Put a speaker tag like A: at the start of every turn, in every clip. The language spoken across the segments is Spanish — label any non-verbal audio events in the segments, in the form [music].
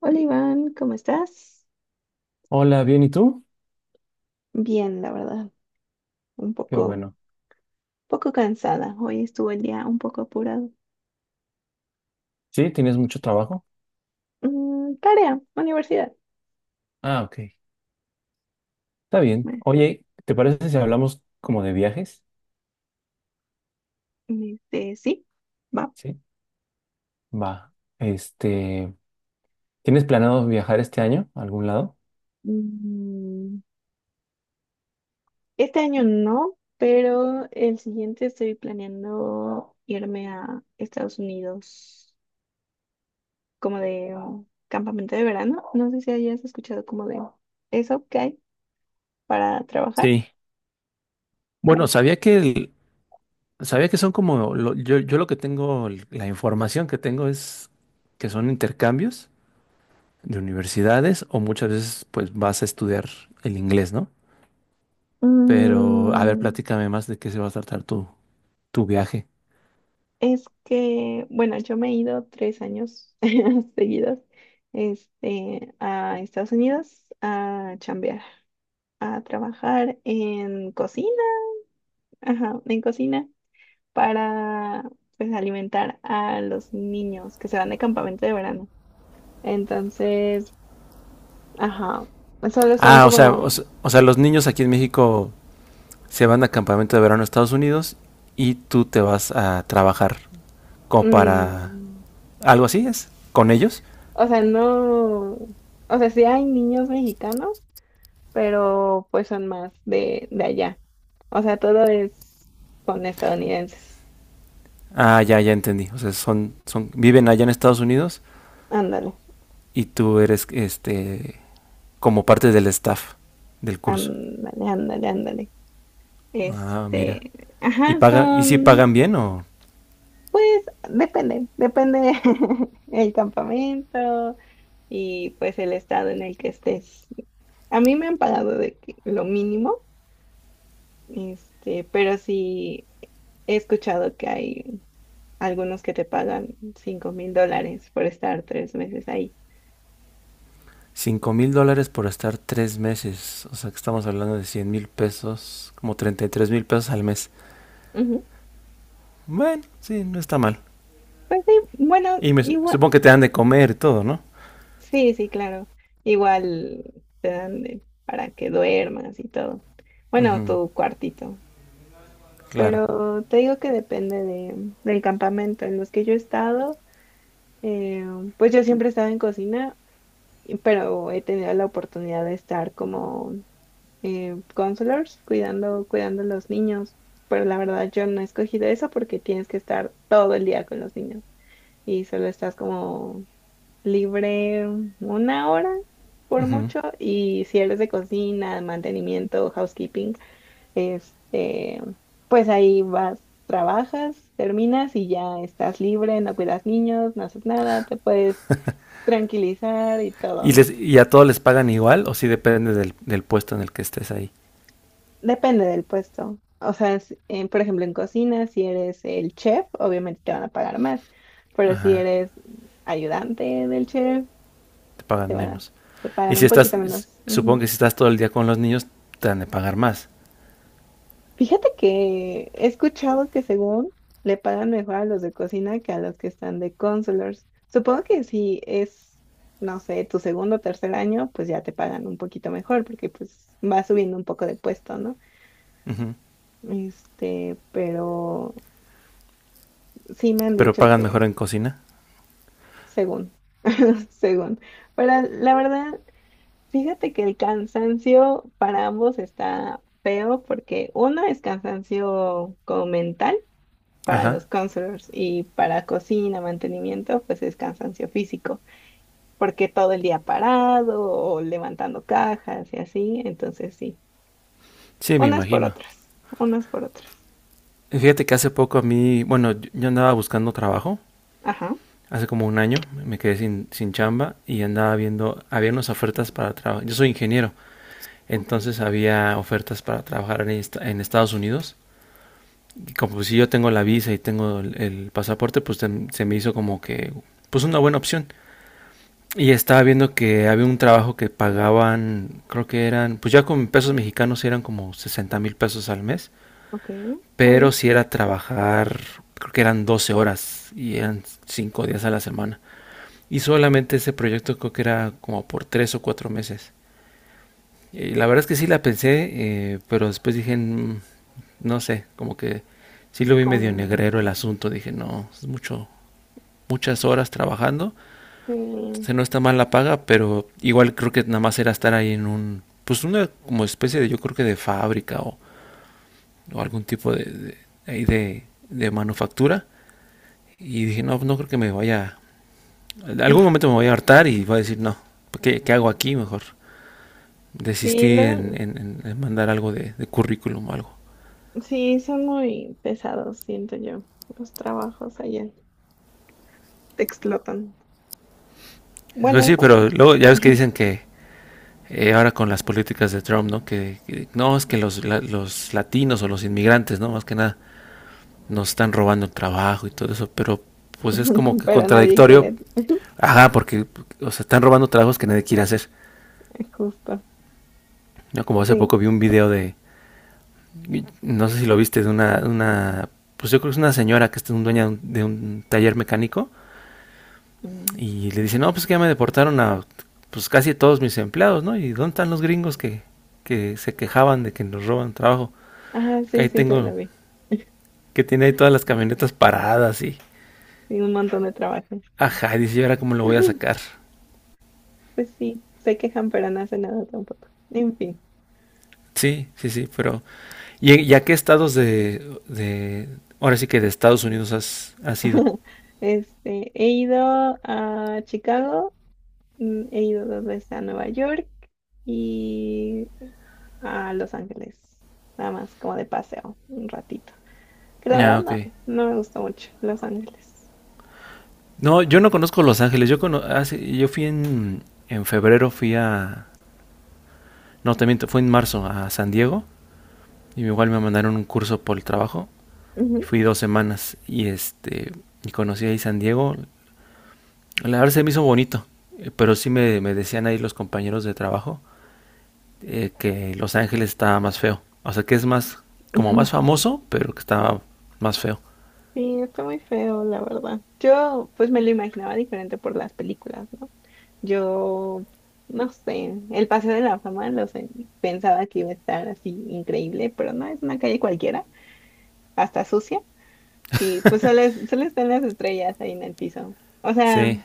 A: Hola Iván, ¿cómo estás?
B: Hola, bien, ¿y tú?
A: Bien, la verdad, un
B: Qué
A: poco,
B: bueno.
A: poco cansada. Hoy estuvo el día un poco apurado.
B: ¿Sí? ¿Tienes mucho trabajo?
A: Tarea, universidad.
B: Ah, ok. Está bien.
A: Me-
B: Oye, ¿te parece si hablamos como de viajes?
A: sí, va.
B: Sí. Va. Este, ¿Tienes planeado viajar este año a algún lado?
A: Mm, este año no, pero el siguiente estoy planeando irme a Estados Unidos como de campamento de verano. No sé si hayas escuchado como de eso que hay para trabajar.
B: Sí, bueno,
A: Bueno.
B: sabía que son como yo lo que tengo, la información que tengo es que son intercambios de universidades o muchas veces pues vas a estudiar el inglés, ¿no? Pero a ver,
A: Mm,
B: platícame más de qué se va a tratar tu viaje.
A: Es que, bueno, yo me he ido 3 años [laughs] seguidos, a Estados Unidos a chambear, a trabajar en cocina, ajá, en cocina para, pues, alimentar a los niños que se van de campamento de verano. Entonces, ajá, solo son
B: Ah, o sea,
A: como,
B: los niños aquí en México se van a campamento de verano a Estados Unidos y tú te vas a trabajar como para
A: mm,
B: algo así es con ellos.
A: o sea, no, o sea, sí hay niños mexicanos, pero pues son más de allá. O sea, todo es con estadounidenses.
B: Ah, ya, ya entendí. O sea, son, viven allá en Estados Unidos
A: Ándale,
B: y tú eres, como parte del staff del curso.
A: ándale, ándale, ándale.
B: Ah, mira.
A: Este,
B: Y
A: ajá,
B: paga, y si
A: son,
B: pagan bien o
A: pues, depende, depende [laughs] el campamento y pues el estado en el que estés. A mí me han pagado de que lo mínimo, pero sí he escuchado que hay algunos que te pagan $5,000 por estar 3 meses ahí.
B: $5,000 por estar 3 meses. O sea, que estamos hablando de 100,000 pesos, como 33,000 pesos al mes.
A: Ujú.
B: Bueno, sí, no está mal.
A: Pues sí, bueno,
B: Y me,
A: igual.
B: supongo que te dan de comer y todo, ¿no?
A: Sí, sí, claro. Igual te dan para que duermas y todo. Bueno,
B: Ujú,
A: tu cuartito.
B: claro.
A: Pero te digo que depende de, del campamento en los que yo he estado. eh, pues yo siempre he estado en cocina, y- pero he tenido la oportunidad de estar como counselors, cuidando, cuidando a los niños. Pero la verdad yo no he escogido eso porque tienes que estar todo el día con los niños y solo estás como libre 1 hora por
B: Ujú.
A: mucho y si eres de cocina, mantenimiento, housekeeping, este, pues ahí vas, trabajas, terminas y ya estás libre, no cuidas niños, no haces nada, te puedes tranquilizar y
B: ¿Y,
A: todo.
B: les, ¿Y a todos les pagan igual o si depende del puesto en el que estés ahí?
A: Depende del puesto. O sea, por ejemplo, en cocina, si eres el chef, obviamente te van a pagar más, pero si
B: Ajá,
A: eres ayudante del chef,
B: te
A: te
B: pagan
A: van a,
B: menos.
A: te
B: Y
A: pagan
B: si
A: un
B: estás,
A: poquito
B: s-
A: menos.
B: supongo que si estás todo el día con los niños, te han de pagar más.
A: Fíjate que he escuchado que según le pagan mejor a los de cocina que a los que están de counselors. Supongo que si es, no sé, tu segundo o tercer año, pues ya te pagan un poquito mejor porque pues va subiendo un poco de puesto, ¿no? Pero sí me han
B: Pero
A: dicho
B: pagan mejor
A: que
B: en cocina.
A: según, [laughs] según. Pero la verdad, fíjate que el cansancio para ambos está feo porque uno es cansancio como mental para los
B: Ajá.
A: counselors y para cocina, mantenimiento, pues es cansancio físico, porque todo el día parado o levantando cajas y así, entonces sí,
B: Sí, me
A: unas por
B: imagino.
A: otras, unas por otras.
B: Y fíjate que hace poco bueno, yo andaba buscando trabajo.
A: Ajá,
B: Hace como un año me quedé sin chamba y andaba viendo, había unas ofertas para trabajo. Yo soy ingeniero.
A: ok,
B: Entonces había ofertas para trabajar en Estados Unidos. Y como pues, si yo tengo la visa y tengo el pasaporte, pues se me hizo como que pues una buena opción. Y estaba viendo que había un trabajo que pagaban, creo que eran, pues ya con pesos mexicanos eran como 60,000 pesos al mes,
A: ok, está
B: pero
A: bien.
B: si sí era trabajar, creo que eran 12 horas y eran 5 días a la semana. Y solamente ese proyecto creo que era como por 3 o 4 meses. Y la verdad es que sí la pensé, pero después dije, no sé, como que sí lo vi medio
A: Con...
B: negrero el asunto. Dije, no, es mucho, muchas horas trabajando.
A: Sí,
B: Entonces no está mal la paga, pero igual creo que nada más era estar ahí en pues una como especie de, yo creo que de fábrica o algún tipo ahí de manufactura. Y dije, no, no creo que me vaya, en algún
A: [laughs]
B: momento me voy a hartar y voy a decir, no, ¿qué hago aquí? Mejor
A: sí,
B: desistí en,
A: luego,
B: en- en- mandar algo de currículum o algo.
A: sí, son muy pesados, siento yo, los trabajos allá, te explotan. Bueno,
B: Pues sí,
A: algunos.
B: pero luego ya ves que dicen que ahora con las políticas de Trump, ¿no? Que no, es que los latinos o los inmigrantes, ¿no? Más que nada, nos están robando el trabajo y todo eso, pero pues es como
A: [laughs]
B: que
A: Pero nadie
B: contradictorio.
A: quiere, [laughs]
B: Ajá, porque, o sea, están robando trabajos que nadie quiere hacer.
A: justo,
B: ¿No? Como hace
A: sí.
B: poco vi un video de, no sé si lo viste, de una pues yo creo que es una señora que es un dueña de un, taller mecánico.
A: Mm.
B: Y le dice, no, pues que ya me deportaron a pues casi todos mis empleados, ¿no? ¿Y dónde están los gringos que se quejaban de que nos roban trabajo?
A: Ajá,
B: Que
A: sí,
B: ahí
A: sí, la
B: tengo,
A: vi.
B: que tiene ahí todas las camionetas paradas. Y...
A: Tiene un montón de trabajo.
B: Ajá, y dice, ¿y ahora cómo lo voy a
A: [laughs]
B: sacar?
A: Pues sí, se quejan, pero no hace nada tampoco. En fin.
B: Sí, sí, sí, pero. ¿Y a qué estados Ahora sí que de Estados Unidos has ido?
A: [laughs] Este, he ido a Chicago, he ido dos veces a Nueva York y a Los Ángeles. Nada más, como de paseo, un ratito. Que la
B: Ah,
A: verdad no,
B: ok.
A: no me gustó mucho Los Ángeles.
B: No, yo no conozco Los Ángeles. Yo fui en febrero, No, también fue en marzo a San Diego. Y igual me mandaron un curso por el trabajo.
A: Ujú,
B: Fui 2 semanas y y conocí ahí San Diego. La verdad se me hizo bonito, pero sí me decían ahí los compañeros de trabajo que Los Ángeles estaba más feo. O sea, que es más, como
A: ujú.
B: más famoso, pero que estaba más feo.
A: Sí, está muy feo, la verdad. Yo, pues me lo imaginaba diferente por las películas, ¿no? Yo, no sé, el Paseo de la Fama lo sé, pensaba que iba a estar así increíble, pero no, es una calle cualquiera, hasta sucia, y pues solo, es- solo están las estrellas ahí en el piso. O sea,
B: Sí,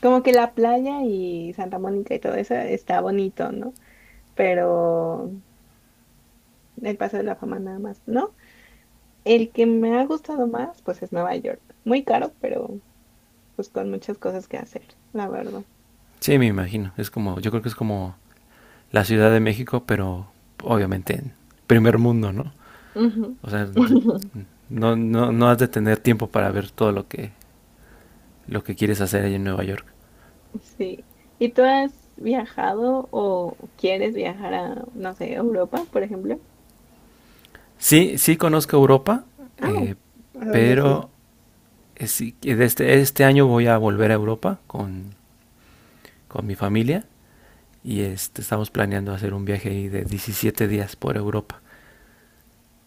A: como que la playa y Santa Mónica y todo eso está bonito, ¿no? Pero el Paseo de la Fama nada más, ¿no? El que me ha gustado más, pues es Nueva York. Muy caro, pero pues con muchas cosas que hacer, la verdad.
B: sí, me imagino. Es como, yo creo que es como la Ciudad de México, pero obviamente en primer mundo, ¿no?
A: Ujú.
B: O sea,
A: [laughs]
B: no, no, no has de tener tiempo para ver todo lo que quieres hacer allá en Nueva York.
A: Sí. ¿Y tú has viajado o quieres viajar a, no sé, Europa, por ejemplo?
B: Sí, sí conozco Europa,
A: Ah,
B: eh,
A: ¿a dónde has ido?
B: pero sí, este año voy a volver a Europa con mi familia y estamos planeando hacer un viaje ahí de 17 días por Europa.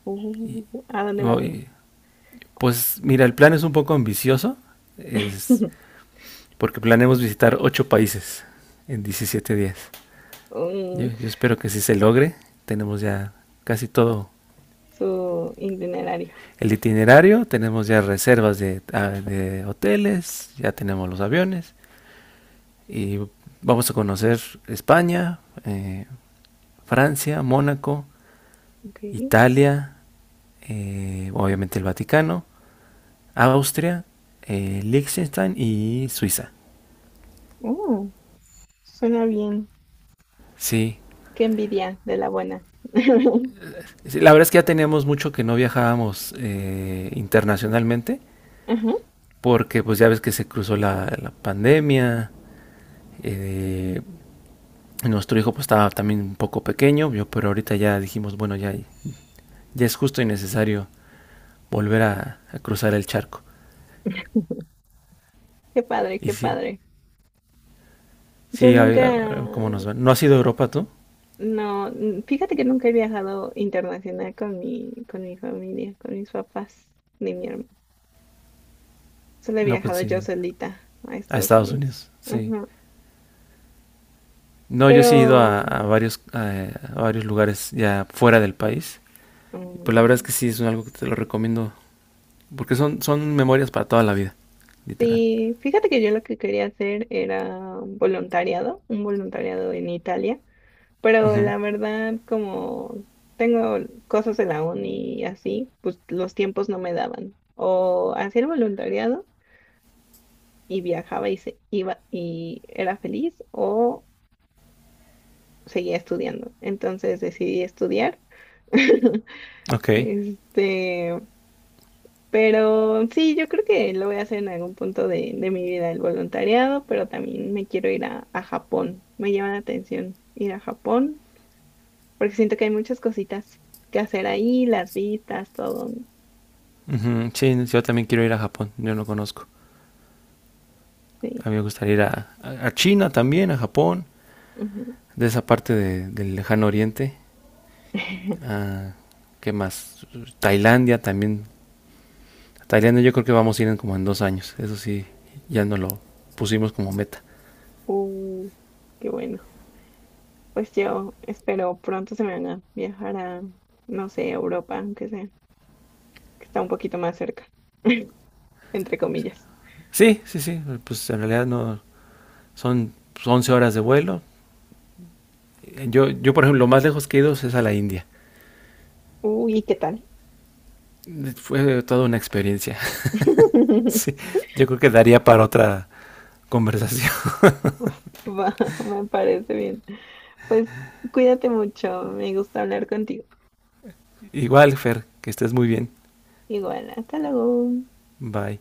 A: Uh, ¿a dónde van a ir?
B: Y pues mira, el plan es un poco ambicioso, es
A: [laughs]
B: porque planeamos visitar 8 países en 17 días. Yo,
A: Mm,
B: yo espero que sí se logre, tenemos ya casi todo
A: Su itinerario.
B: el itinerario, tenemos ya reservas de hoteles, ya tenemos los aviones y vamos a conocer España, eh, Francia, Mónaco,
A: Okay.
B: Italia, obviamente el Vaticano, Austria, Liechtenstein y Suiza.
A: Oh, suena bien.
B: Sí,
A: Qué envidia de la buena. [laughs]
B: sí, la verdad es que ya teníamos mucho que no viajábamos internacionalmente
A: Ajá.
B: porque pues ya ves que se cruzó la pandemia, eh, nuestro hijo pues estaba también un poco pequeño, pero ahorita ya dijimos, bueno, ya, ya es justo y necesario volver a cruzar el charco.
A: Qué padre,
B: Y
A: qué
B: sí,
A: padre. Yo
B: sí,
A: nunca,
B: a ver cómo nos va. ¿No has ido a Europa tú?
A: no, n- fíjate que nunca he viajado internacional con mi familia, con mis papás, ni mi hermano. Solo he
B: No, pues
A: viajado yo
B: sí,
A: solita a
B: a
A: Estados
B: Estados
A: Unidos.
B: Unidos, sí.
A: Ujú.
B: No,
A: Pero
B: yo sí he ido a varios lugares ya fuera del país. Y pues la verdad es
A: mm,
B: que sí, es algo que te lo recomiendo, porque son memorias para toda la vida, literal.
A: sí, fíjate que yo lo que quería hacer era un voluntariado en Italia, pero
B: Ujú,
A: la verdad como tengo cosas en la uni y así, pues los tiempos no me daban. O hacía el voluntariado y viajaba y se iba y era feliz o seguía estudiando. Entonces decidí estudiar. [laughs]
B: ok.
A: Este, pero sí, yo creo que lo voy a hacer en algún punto de mi vida, el voluntariado, pero también me quiero ir a Japón. Me llama la atención ir a Japón, porque siento que hay muchas cositas que hacer ahí, las vistas, todo.
B: Ujú, sí, yo también quiero ir a Japón. Yo no conozco.
A: Sí.
B: A mí me gustaría ir a China también, a Japón,
A: Ujú.
B: de esa parte del lejano oriente.
A: [laughs]
B: Ah, ¿qué más? Tailandia también. Tailandia yo creo que vamos a ir en 2 años. Eso sí, ya no lo pusimos como meta.
A: Uh, Qué bueno. Pues yo espero pronto se me van a viajar a, no sé, a Europa, aunque sea, que está un poquito más cerca, [laughs] entre comillas.
B: Sí, sí, sí. Pues en realidad no son 11 horas de vuelo. Yo por ejemplo, lo más lejos que he ido es a la India.
A: Uy, ¿qué tal?
B: Fue toda una experiencia. [laughs] Sí,
A: [laughs]
B: yo creo que daría para otra conversación.
A: Va, [laughs] me parece bien. Pues cuídate mucho, me gusta hablar contigo.
B: [laughs] Igual, Fer, que estés muy bien.
A: Igual, hasta luego.
B: Bye.